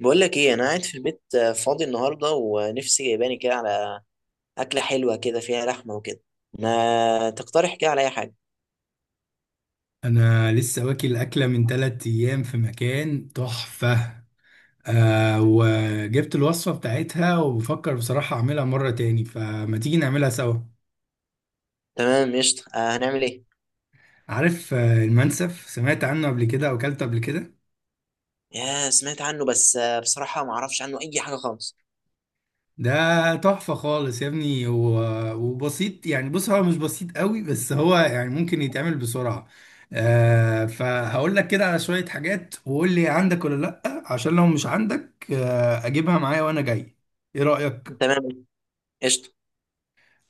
بقول لك ايه، انا قاعد في البيت، فاضي النهارده ونفسي جايباني كده على اكله حلوه كده فيها لحمه وكده. ما تقترح كده على اي حاجه؟ انا لسه واكل اكله من 3 ايام في مكان تحفه، وجبت الوصفه بتاعتها وبفكر بصراحه اعملها مره تاني، فما تيجي نعملها سوا. تمام، قشطه. هنعمل ايه؟ عارف، المنسف سمعت عنه قبل كده او اكلته قبل كده؟ يا سمعت عنه بس، بصراحه ما اعرفش عنه اي حاجه خالص. ده تحفه خالص يا ابني، و- وبسيط يعني، بص هو مش بسيط قوي بس هو يعني ممكن يتعمل بسرعه. فهقول لك كده على شويه حاجات وقول لي عندك ولا لا، عشان لو مش عندك اجيبها معايا وانا جاي. ايه رايك؟ تمام، قشطه.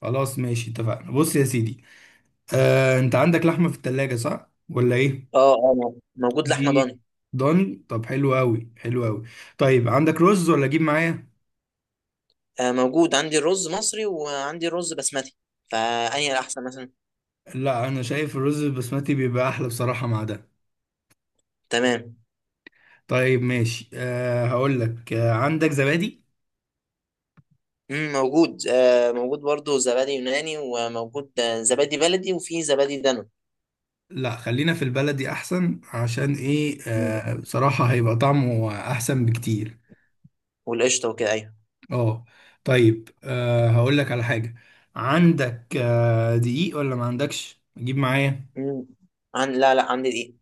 خلاص ماشي، اتفقنا. بص يا سيدي، انت عندك لحمه في التلاجة صح ولا ايه؟ اه اه، موجود لحمه دي ضاني. ضاني؟ طب حلو قوي، حلو قوي. طيب عندك رز ولا اجيب معايا؟ موجود عندي الرز مصري وعندي الرز بسمتي، فانهي الاحسن مثلا؟ لا، انا شايف الرز البسمتي بيبقى احلى بصراحه مع ده. تمام. طيب ماشي، هقول لك، عندك زبادي؟ موجود، موجود برضه زبادي يوناني، وموجود، زبادي بلدي، وفي زبادي دانون. لا، خلينا في البلدي احسن، عشان ايه، مم. بصراحه هيبقى طعمه احسن بكتير. والقشطه وكده، أيوة. اه طيب، هقول لك على حاجه، عندك دقيق ولا ما عندكش اجيب معايا؟ مم. لا لا، عندي دي.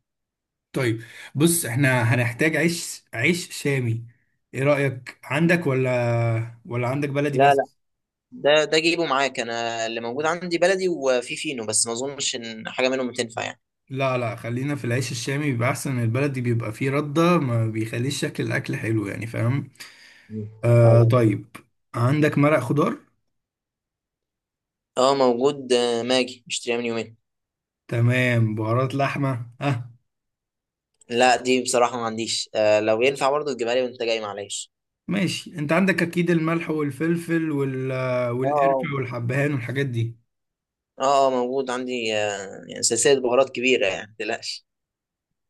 طيب، بص احنا هنحتاج عيش، عيش شامي. ايه رأيك؟ عندك ولا عندك بلدي لا لا، بس؟ ده جيبه معاك، انا اللي موجود عندي بلدي وفي فينو، بس ما اظنش ان حاجه منهم تنفع يعني. لا لا، خلينا في العيش الشامي، بيبقى احسن. البلدي بيبقى فيه ردة، ما بيخليش شكل الاكل حلو يعني، فاهم. مم. آه أيوة. طيب، عندك مرق خضار؟ اه موجود، ماجي مشتريها من يومين. تمام. بهارات لحمة؟ اه لا، دي بصراحه ما عنديش، لو ينفع برضه تجيبها لي وانت جاي، معلش. ماشي. انت عندك اكيد الملح والفلفل وال... اه اه والقرفة والحبهان والحاجات دي؟ اه، موجود عندي، يعني سلسله بهارات كبيره، يعني ما تقلقش.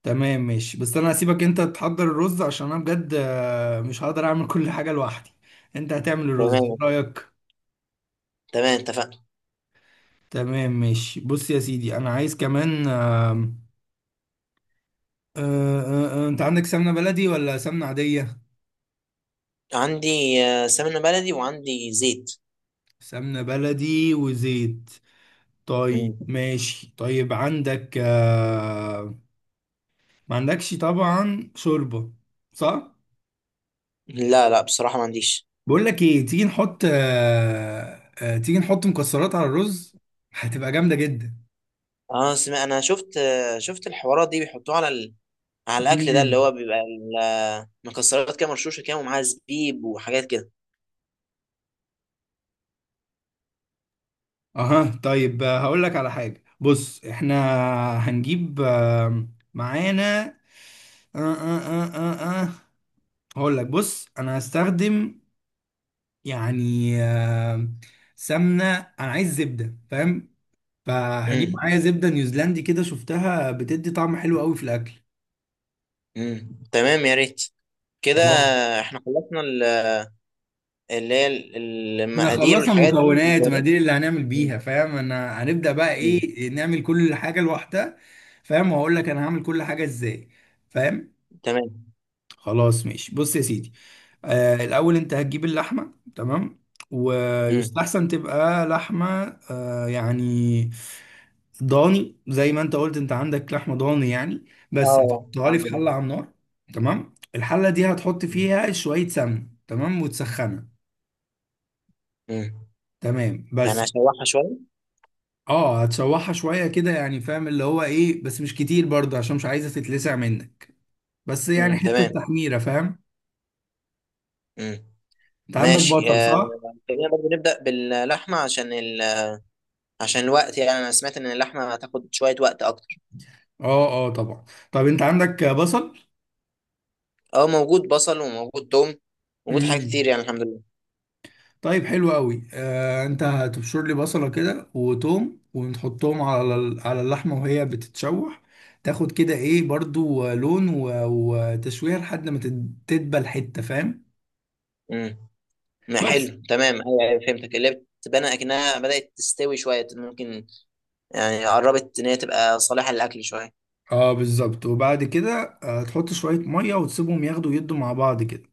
تمام ماشي. بس انا هسيبك انت تحضر الرز، عشان انا بجد مش هقدر اعمل كل حاجة لوحدي. انت هتعمل الرز، إيه تمام. رأيك؟ تمام، اتفقنا. تمام ماشي، بص يا سيدي. انا عايز كمان، آم، آه، آه، آه، انت عندك سمنة بلدي ولا سمنة عادية؟ عندي، سمنه بلدي وعندي زيت. سمنة بلدي وزيت. طيب مم. ماشي. طيب عندك ما عندكش طبعا شوربة صح؟ لا لا، بصراحه ما عنديش. بقول لك ايه، تيجي نحط، تيجي نحط مكسرات على الرز، هتبقى جامدة جدا. اه، انا شفت الحوارات دي بيحطوها على الاكل ده، اللي مم. هو بيبقى مكسرات كده مرشوشه كده، ومعاها زبيب وحاجات كده. اها طيب، هقول لك على حاجة. بص احنا هنجيب معانا آه آه آه آه آه. هقول لك، بص انا هستخدم يعني سمنة، انا عايز زبدة فاهم. فهجيب امم معايا زبدة نيوزيلندي كده، شفتها بتدي طعم حلو قوي في الاكل. تمام، يا ريت كده. خلاص، احنا خلصنا اللي هي احنا المقادير خلصنا والحاجات دي، المكونات، وما المكونات. دي اللي هنعمل مم. بيها فاهم. انا هنبدأ بقى مم. ايه، نعمل كل حاجة لوحدها فاهم، وهقول لك انا هعمل كل حاجة ازاي، فاهم. تمام. خلاص ماشي، بص يا سيدي، آه الاول انت هتجيب اللحمه، تمام. امم ويستحسن تبقى لحمه يعني ضاني، زي ما انت قلت، انت عندك لحمه ضاني يعني. اه، بس هتحطها لي عندي في ده. حله على النار. تمام، الحله دي هتحط مم. فيها شويه سمن، تمام، وتسخنها. مم. تمام بس. يعني هشوحها شويه. اه هتشوحها شويه كده يعني فاهم، اللي هو ايه، بس مش كتير برضه، عشان مش عايزه تتلسع منك، بس يعني حته تمام. تحميره فاهم. امم انت عندك ماشي، بصل صح؟ خلينا برضه نبدا باللحمه عشان عشان الوقت، يعني انا سمعت ان اللحمه هتاخد شويه وقت اكتر. اه اه طبعا. طب انت عندك بصل؟ اه موجود بصل وموجود توم، موجود حاجات كتير، امم. يعني الحمد لله. طيب حلو قوي. آه انت هتبشر لي بصله كده وتوم، ونحطهم على على اللحمه وهي بتتشوح. تاخد كده ايه برضو، لون وتشويه لحد ما تدبل حته، فاهم مم. ما بس. حلو، تمام. ايوه ايوه، فهمتك، اللي بتبان اكنها بدات تستوي شويه، ممكن يعني قربت ان هي تبقى صالحه للاكل شويه. اه بالظبط. وبعد كده تحط شويه ميه وتسيبهم ياخدوا يدوا مع بعض كده.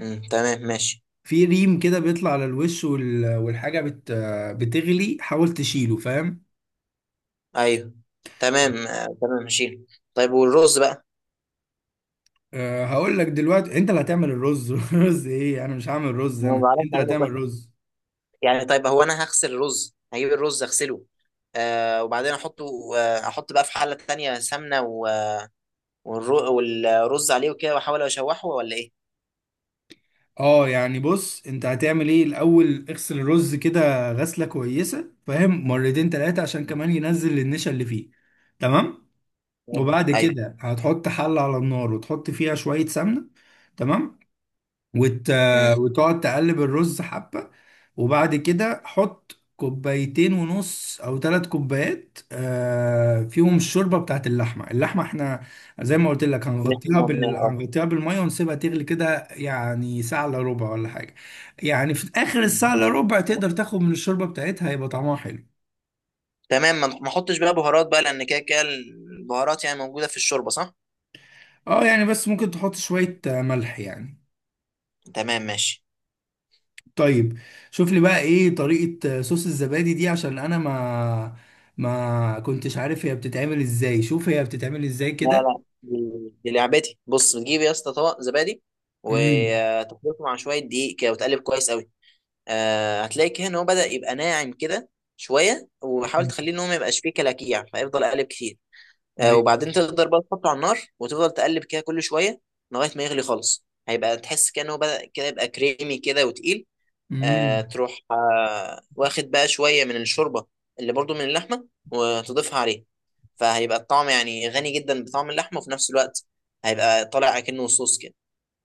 تمام ماشي. في ريم كده بيطلع على الوش وال- والحاجه بت بتغلي، حاول تشيله فاهم. ايوه، تمام، تمام ماشي. طيب، والرز بقى؟ أه هقول لك دلوقتي انت اللي هتعمل الرز رز ايه، انا مش هعمل رز، ما انا انت بعرفش اللي اعمله هتعمل كويس، رز. يعني طيب، هو انا هغسل الرز، هجيب الرز اغسله، وبعدين احطه، احط بقى في حله تانية سمنه والرز عليه وكده، واحاول اشوحه ولا ايه؟ اه يعني، بص انت هتعمل ايه الاول، اغسل الرز كده غسله كويسه فاهم، مرتين تلاتة، عشان مم. كمان ينزل النشا اللي فيه. تمام، وبعد ايوه. كده هتحط حله على النار وتحط فيها شويه سمنه. تمام. وت... امم وتقعد تقلب الرز حبة. وبعد كده حط كوبايتين ونص او 3 كوبايات، فيهم الشوربة بتاعت اللحمة. اللحمة احنا زي ما قلت لك، اللي احنا عملناه. هنغطيها بالمية ونسيبها تغلي كده، يعني ساعة الا ربع ولا حاجة، يعني في اخر الساعة الا اه ربع تقدر تاخد من الشوربة بتاعتها، هيبقى طعمها حلو. تمام، ما احطش بقى بهارات بقى، لان كده كده البهارات يعني موجوده في الشوربه، صح؟ اه يعني، بس ممكن تحط شوية ملح يعني. تمام ماشي. طيب، شوف لي بقى ايه طريقة صوص الزبادي دي، عشان انا ما كنتش عارف هي بتتعمل ازاي، شوف هي بتتعمل ازاي لا كده. لا، دي لعبتي، بص، بتجيب يا اسطى طبق زبادي، امم، وتخلطه مع شويه دقيق كده، وتقلب كويس قوي. هتلاقي كده ان هو بدا يبقى ناعم كده شويه، وحاول تخليه ان هو ما يبقاش فيه كلاكيع، فيفضل قالب كتير. ايوه، وبعدين تقدر بقى تحطه على النار، وتفضل تقلب كده كل شويه، لغايه ما يغلي خالص، هيبقى تحس كده ان هو بدا كده يبقى كريمي كده وتقيل. امم، تروح، واخد بقى شوية من الشوربة اللي برضو من اللحمة، وتضيفها عليه، فهيبقى الطعم يعني غني جدا بطعم اللحمة، وفي نفس الوقت هيبقى طالع أكنه صوص كده.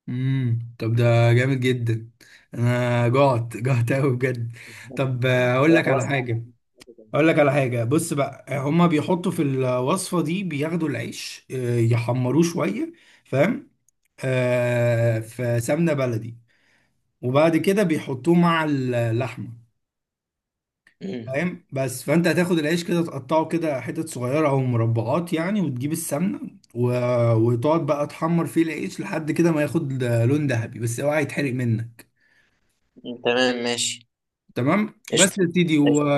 امم. طب ده جامد جدا، انا جعت جعت قوي بجد. طب اقول هي لك على خلاص. حاجة، اقول لك على حاجة. بص بقى، هما بيحطوا في الوصفة دي بياخدوا العيش يحمروه شوية فاهم، آه مم. في سمنة بلدي، وبعد كده بيحطوه مع اللحمة فاهم. بس فانت هتاخد العيش كده تقطعه كده حتت صغيره او مربعات يعني، وتجيب السمنه و... وتقعد بقى تحمر فيه العيش لحد كده ما ياخد لون ذهبي، بس اوعى يتحرق منك. مم. تمام ماشي. تمام قشطة. بس يا سيدي و... قشطة.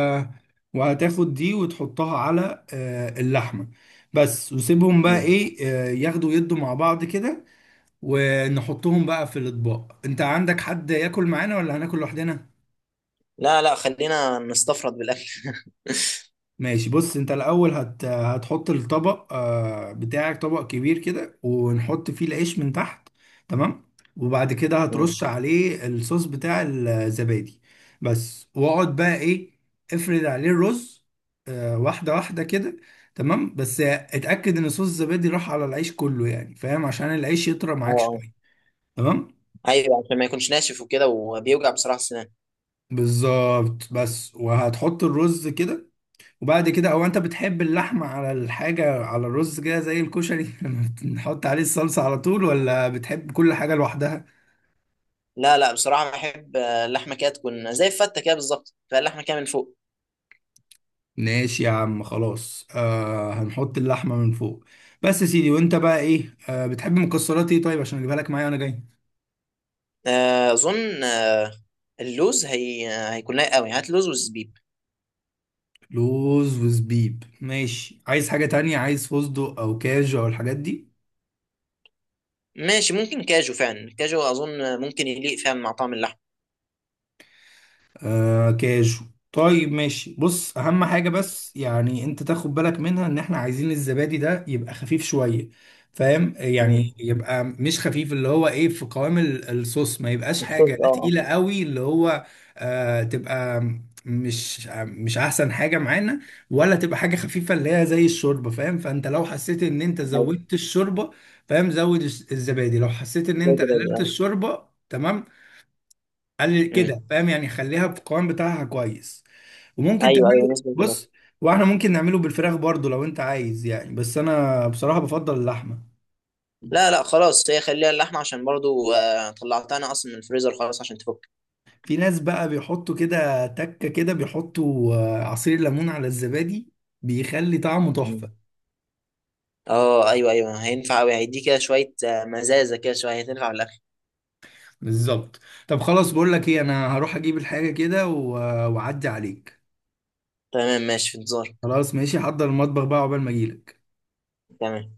وهتاخد دي وتحطها على اللحمه بس، وسيبهم بقى مم. ايه ياخدوا يدوا مع بعض كده، ونحطهم بقى في الاطباق. انت عندك حد ياكل معانا ولا هناكل لوحدنا؟ لا لا، خلينا نستفرد بالأكل. ماشي، بص انت الاول هتحط الطبق بتاعك، طبق كبير كده، ونحط فيه العيش من تحت. تمام، وبعد كده مم. هترش عليه الصوص بتاع الزبادي بس. واقعد بقى ايه، افرد عليه الرز واحدة واحدة كده. تمام بس اتأكد ان صوص الزبادي راح على العيش كله يعني فاهم، عشان العيش يطرى اه، معاك آه. شوية. تمام ايوه، عشان ما يكونش ناشف وكده، وبيوجع بصراحة السنان. بالظبط. بس وهتحط الرز كده، وبعد كده او انت بتحب اللحمة على الحاجة على الرز كده زي الكشري نحط عليه الصلصة على طول، ولا بتحب كل حاجة لوحدها؟ لا لا، بصراحة بحب، اللحمة كده تكون زي الفتة كده بالظبط، فاللحمة كده من فوق. ماشي يا عم، خلاص، آه هنحط اللحمة من فوق. بس يا سيدي، وانت بقى ايه، آه بتحب مكسرات ايه، طيب عشان اجيبها لك معايا وانا جاي؟ اظن، اللوز هي، هيكون لايق قوي، هات لوز وزبيب. لوز وزبيب ماشي. عايز حاجة تانية، عايز فستق او كاجو او الحاجات دي؟ ماشي، ممكن كاجو، فعلا كاجو اظن ممكن يليق فعلا مع طعم اللحم. آه كاجو. طيب ماشي. بص، اهم حاجة بس يعني انت تاخد بالك منها، ان احنا عايزين الزبادي ده يبقى خفيف شوية فاهم، امم يعني يبقى مش خفيف، اللي هو ايه، في قوام الصوص، ما يبقاش الصوص، حاجة اه اه. تقيلة قوي، اللي هو تبقى، مش احسن حاجة معانا، ولا تبقى حاجة خفيفة اللي هي زي الشوربة فاهم. فانت لو حسيت ان انت ايوه، زودت الشوربة فاهم، زود الزبادي، لو حسيت ان زي انت زبادي، قللت اه. الشوربة تمام، قلل مم. كده فاهم، يعني خليها في القوام بتاعها كويس. وممكن ايوه ايوه، تعمله، نسبة كمان. بص، واحنا ممكن نعمله بالفراخ برضو لو انت عايز يعني، بس انا بصراحة بفضل اللحمة. لا لا خلاص، هي خليها اللحمه عشان برضو، طلعتها انا اصلا من الفريزر خلاص عشان تفك. في ناس بقى بيحطوا كده تكة كده، بيحطوا عصير ليمون على الزبادي، بيخلي طعمه مم. تحفة. اه ايوه ايوه، هينفع قوي، هيدي كده شويه، مزازه كده شويه، هتنفع في الاكل. بالظبط. طب خلاص، بقول لك ايه، انا هروح اجيب الحاجة كده واعدي عليك. تمام ماشي، في انتظار. خلاص ماشي، حضر المطبخ بقى عقبال ما اجيلك. تمام.